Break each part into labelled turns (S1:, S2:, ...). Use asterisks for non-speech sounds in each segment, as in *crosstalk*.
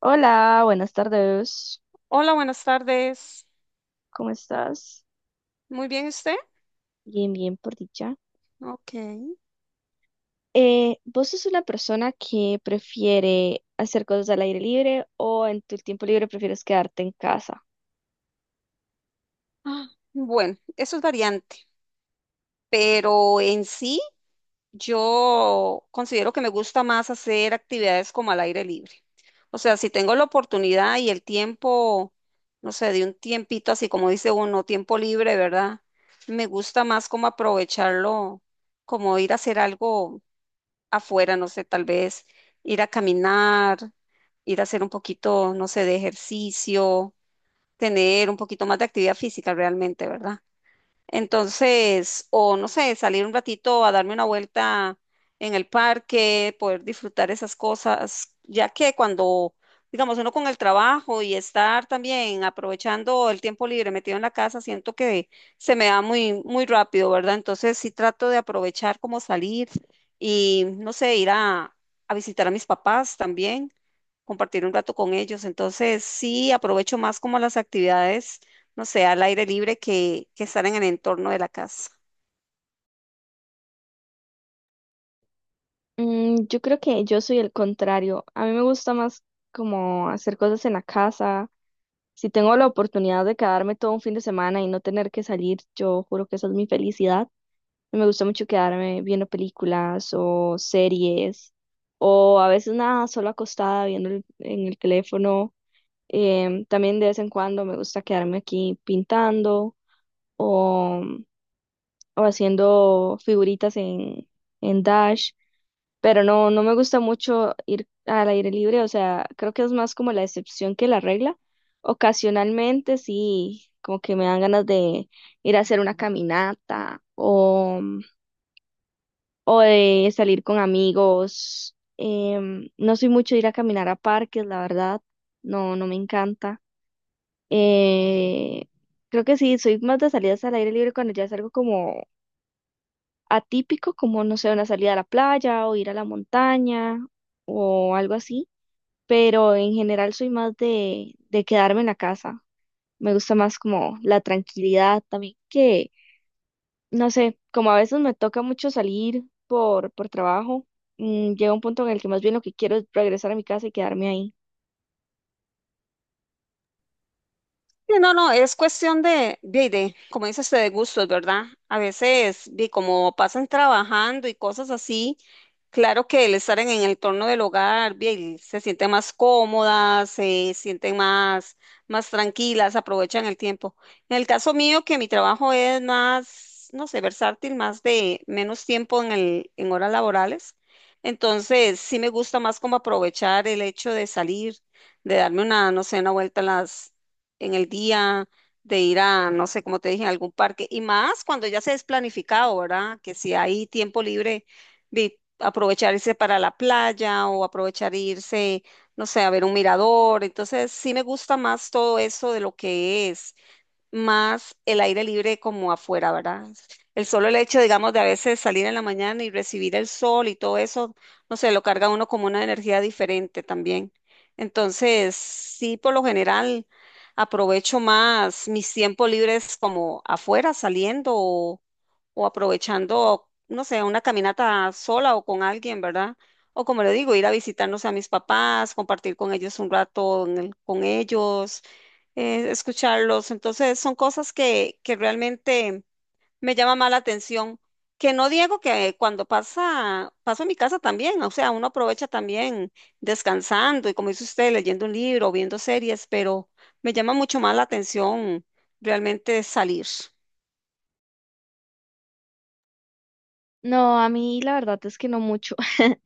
S1: Hola, buenas tardes.
S2: Hola, buenas tardes.
S1: ¿Cómo estás?
S2: Muy bien, ¿usted?
S1: Bien, bien, por dicha.
S2: Ok.
S1: ¿Vos sos una persona que prefiere hacer cosas al aire libre o en tu tiempo libre prefieres quedarte en casa?
S2: Ah, bueno, eso es variante, pero en sí yo considero que me gusta más hacer actividades como al aire libre. O sea, si tengo la oportunidad y el tiempo, no sé, de un tiempito, así como dice uno, tiempo libre, ¿verdad? Me gusta más como aprovecharlo, como ir a hacer algo afuera, no sé, tal vez ir a caminar, ir a hacer un poquito, no sé, de ejercicio tener un poquito más de actividad física realmente, ¿verdad? Entonces, o no sé, salir un ratito a darme una vuelta en el parque, poder disfrutar esas cosas, ya que cuando, digamos, uno con el trabajo y estar también aprovechando el tiempo libre metido en la casa, siento que se me da muy, muy rápido, ¿verdad? Entonces, sí trato de aprovechar como salir y, no sé, ir a visitar a mis papás también compartir un rato con ellos. Entonces, sí, aprovecho más como las actividades, no sé, al aire libre que estar en el entorno de la casa.
S1: Yo creo que yo soy el contrario. A mí me gusta más como hacer cosas en la casa. Si tengo la oportunidad de quedarme todo un fin de semana y no tener que salir, yo juro que esa es mi felicidad. Me gusta mucho quedarme viendo películas o series o a veces nada, solo acostada viendo en el teléfono. También de vez en cuando me gusta quedarme aquí pintando o haciendo figuritas en Dash, pero no me gusta mucho ir al aire libre, o sea, creo que es más como la excepción que la regla. Ocasionalmente sí, como que me dan ganas de ir a hacer una caminata o de salir con amigos. No soy mucho de ir a caminar a parques, la verdad, no me encanta. Eh, creo que sí, soy más de salidas al aire libre cuando ya es algo como atípico como, no sé, una salida a la playa o ir a la montaña o algo así, pero en general soy más de quedarme en la casa. Me gusta más como la tranquilidad también que, no sé, como a veces me toca mucho salir por trabajo, llega un punto en el que más bien lo que quiero es regresar a mi casa y quedarme ahí.
S2: Sí, no, no, es cuestión de, como dice usted, de gustos, ¿verdad? A veces, de como pasan trabajando y cosas así, claro que el estar en el torno del hogar, bien, se sienten más cómodas, se sienten más, más tranquilas, aprovechan el tiempo. En el caso mío, que mi trabajo es más, no sé, versátil, más de menos tiempo en horas laborales, entonces sí me gusta más como aprovechar el hecho de salir, de darme una, no sé, una vuelta a las en el día, de ir a, no sé, como te dije, a algún parque, y más cuando ya se es planificado, ¿verdad? Que si hay tiempo libre, aprovechar irse para la playa o aprovechar irse, no sé, a ver un mirador. Entonces, sí me gusta más todo eso de lo que es más el aire libre como afuera, ¿verdad? El solo el hecho, digamos, de a veces salir en la mañana y recibir el sol y todo eso, no sé, lo carga a uno como una energía diferente también. Entonces, sí, por lo general, aprovecho más mis tiempos libres como afuera, saliendo o aprovechando, no sé, una caminata sola o con alguien, ¿verdad? O como le digo, ir a visitarnos a mis papás, compartir con ellos un rato en con ellos, escucharlos. Entonces, son cosas que realmente me llama más la atención. Que no digo que cuando pasa, paso en mi casa también, o sea, uno aprovecha también descansando y como dice usted, leyendo un libro, viendo series, pero me llama mucho más la atención realmente salir.
S1: No, a mí la verdad es que no mucho. *laughs*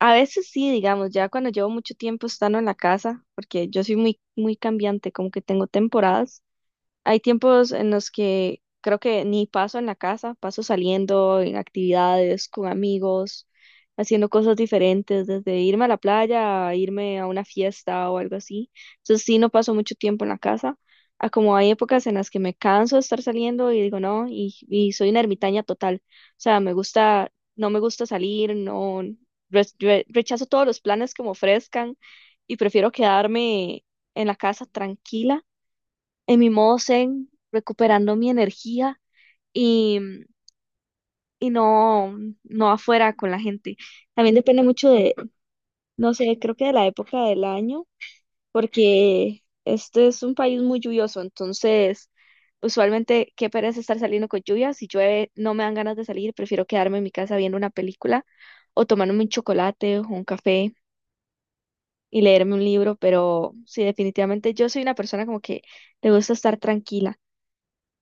S1: A veces sí, digamos, ya cuando llevo mucho tiempo estando en la casa, porque yo soy muy, muy cambiante, como que tengo temporadas. Hay tiempos en los que creo que ni paso en la casa, paso saliendo en actividades con amigos, haciendo cosas diferentes, desde irme a la playa a irme a una fiesta o algo así. Entonces sí, no paso mucho tiempo en la casa. A como hay épocas en las que me canso de estar saliendo y digo no, y soy una ermitaña total. O sea, me gusta, no me gusta salir, no, rechazo todos los planes que me ofrezcan y prefiero quedarme en la casa tranquila en mi modo zen, recuperando mi energía y, y no, no afuera con la gente. También depende mucho de, no sé, creo que de la época del año, porque este es un país muy lluvioso, entonces usualmente qué pereza estar saliendo con lluvia. Si llueve, no me dan ganas de salir, prefiero quedarme en mi casa viendo una película o tomarme un chocolate o un café y leerme un libro, pero sí, definitivamente yo soy una persona como que le gusta estar tranquila.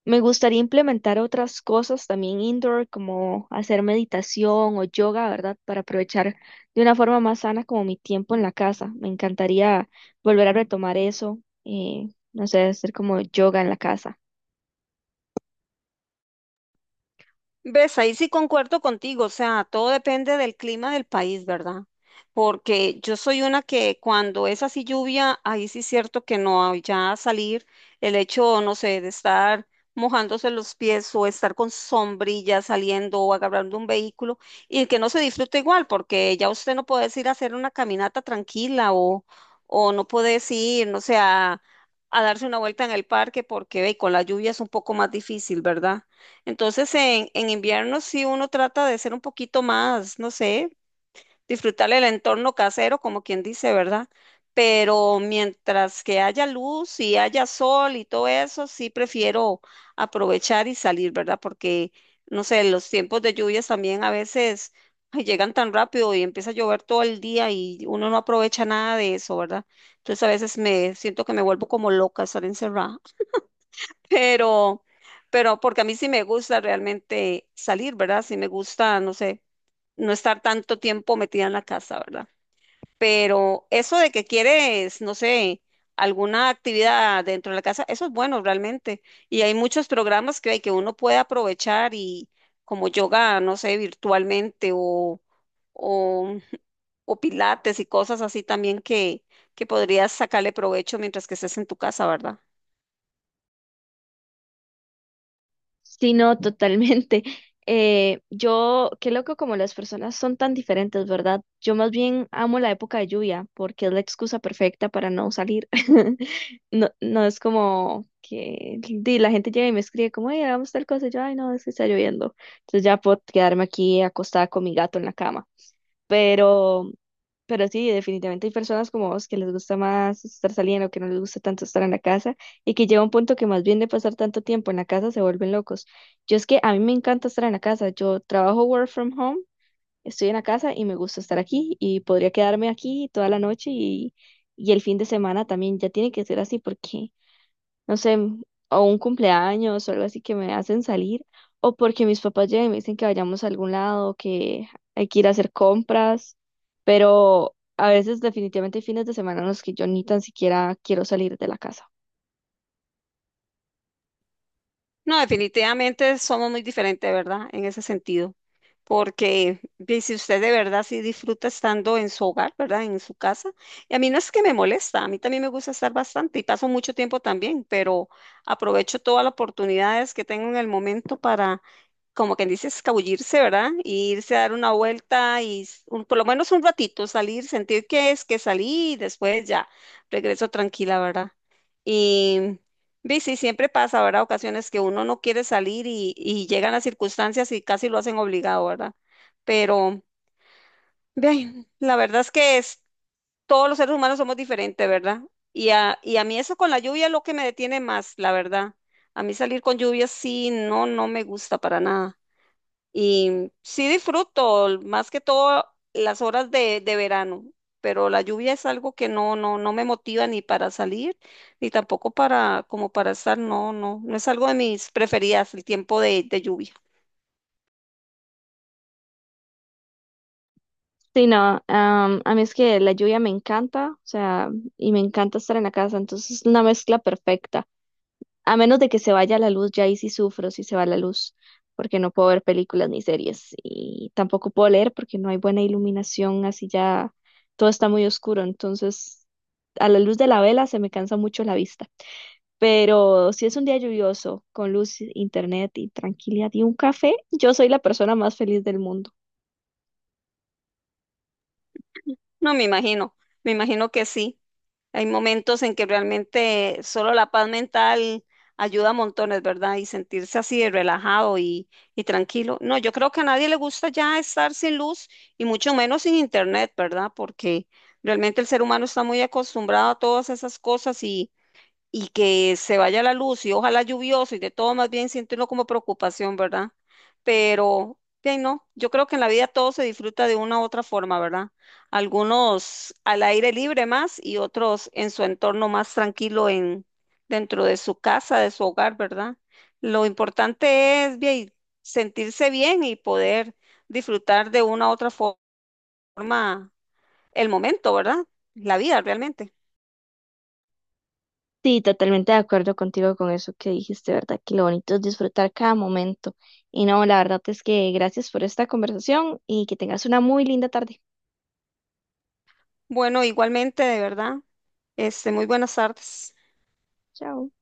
S1: Me gustaría implementar otras cosas también indoor, como hacer meditación o yoga, ¿verdad? Para aprovechar de una forma más sana como mi tiempo en la casa. Me encantaría volver a retomar eso, no sé, hacer como yoga en la casa.
S2: Ves, ahí sí concuerdo contigo, o sea, todo depende del clima del país, ¿verdad? Porque yo soy una que cuando es así lluvia, ahí sí es cierto que no, ya salir, el hecho, no sé, de estar mojándose los pies o estar con sombrilla saliendo o agarrando un vehículo y que no se disfrute igual, porque ya usted no puede ir a hacer una caminata tranquila o no puede ir, no sé, a darse una vuelta en el parque porque ve, con la lluvia es un poco más difícil, ¿verdad? Entonces, en invierno sí uno trata de ser un poquito más, no sé, disfrutar el entorno casero, como quien dice, ¿verdad? Pero mientras que haya luz y haya sol y todo eso, sí prefiero aprovechar y salir, ¿verdad? Porque, no sé, los tiempos de lluvias también a veces ay, llegan tan rápido y empieza a llover todo el día y uno no aprovecha nada de eso, ¿verdad? Entonces a veces me siento que me vuelvo como loca estar encerrada pero, pero porque a mí sí me gusta realmente salir, ¿verdad? Sí me gusta, no sé, no estar tanto tiempo metida en la casa, ¿verdad? Pero eso de que quieres, no sé, alguna actividad dentro de la casa, eso es bueno realmente. Y hay muchos programas que hay que uno puede aprovechar y como yoga, no sé, virtualmente o o pilates y cosas así también que podrías sacarle provecho mientras que estés en tu casa, ¿verdad?
S1: Sí, no, totalmente. *laughs* Yo, qué loco como las personas son tan diferentes, ¿verdad? Yo más bien amo la época de lluvia porque es la excusa perfecta para no salir. *laughs* No, no es como que di, la gente llega y me escribe como, hey, hagamos tal cosa. Y yo, ay, no, es que está lloviendo. Entonces ya puedo quedarme aquí acostada con mi gato en la cama. Pero pero sí, definitivamente hay personas como vos que les gusta más estar saliendo, que no les gusta tanto estar en la casa y que llega un punto que más bien de pasar tanto tiempo en la casa se vuelven locos. Yo es que a mí me encanta estar en la casa. Yo trabajo work from home, estoy en la casa y me gusta estar aquí y podría quedarme aquí toda la noche y el fin de semana también. Ya tiene que ser así porque no sé, o un cumpleaños o algo así que me hacen salir, o porque mis papás llegan y me dicen que vayamos a algún lado, que hay que ir a hacer compras, pero a veces definitivamente hay fines de semana en los que yo ni tan siquiera quiero salir de la casa.
S2: No, definitivamente somos muy diferentes, ¿verdad? En ese sentido. Porque ve, si usted de verdad sí disfruta estando en su hogar, ¿verdad? En su casa. Y a mí no es que me molesta, a mí también me gusta estar bastante y paso mucho tiempo también, pero aprovecho todas las oportunidades que tengo en el momento para, como quien dice, escabullirse, ¿verdad? Y irse a dar una vuelta y por lo menos un ratito salir, sentir que es que salí y después ya regreso tranquila, ¿verdad? Ve, sí, siempre pasa, ¿verdad? Ocasiones que uno no quiere salir y llegan las circunstancias y casi lo hacen obligado, ¿verdad? Pero, ve, ay, la verdad es que es, todos los seres humanos somos diferentes, ¿verdad? Y a mí eso con la lluvia es lo que me detiene más, la verdad. A mí salir con lluvia sí, no, no me gusta para nada. Y sí disfruto más que todo las horas de verano, pero la lluvia es algo que no, no, no me motiva ni para salir, ni tampoco para, como para estar, no, no, no es algo de mis preferidas, el tiempo de lluvia.
S1: Sí, no, a mí es que la lluvia me encanta, o sea, y me encanta estar en la casa, entonces es una mezcla perfecta. A menos de que se vaya la luz, ya ahí sí sufro si se va la luz, porque no puedo ver películas ni series y tampoco puedo leer porque no hay buena iluminación, así ya todo está muy oscuro, entonces a la luz de la vela se me cansa mucho la vista. Pero si es un día lluvioso, con luz, internet y tranquilidad y un café, yo soy la persona más feliz del mundo.
S2: No, me imagino que sí. Hay momentos en que realmente solo la paz mental ayuda a montones, ¿verdad? Y sentirse así de relajado y tranquilo. No, yo creo que a nadie le gusta ya estar sin luz y mucho menos sin internet, ¿verdad? Porque realmente el ser humano está muy acostumbrado a todas esas cosas y que se vaya la luz y ojalá lluvioso y de todo, más bien siente uno como preocupación, ¿verdad? Pero, bien, no, yo creo que en la vida todo se disfruta de una u otra forma, ¿verdad? Algunos al aire libre más y otros en su entorno más tranquilo en, dentro de su casa, de su hogar, ¿verdad? Lo importante es bien, sentirse bien y poder disfrutar de una u otra forma el momento, ¿verdad? La vida realmente.
S1: Sí, totalmente de acuerdo contigo con eso que dijiste, ¿verdad? Que lo bonito es disfrutar cada momento. Y no, la verdad es que gracias por esta conversación y que tengas una muy linda tarde.
S2: Bueno, igualmente, de verdad. Muy buenas tardes.
S1: Chao.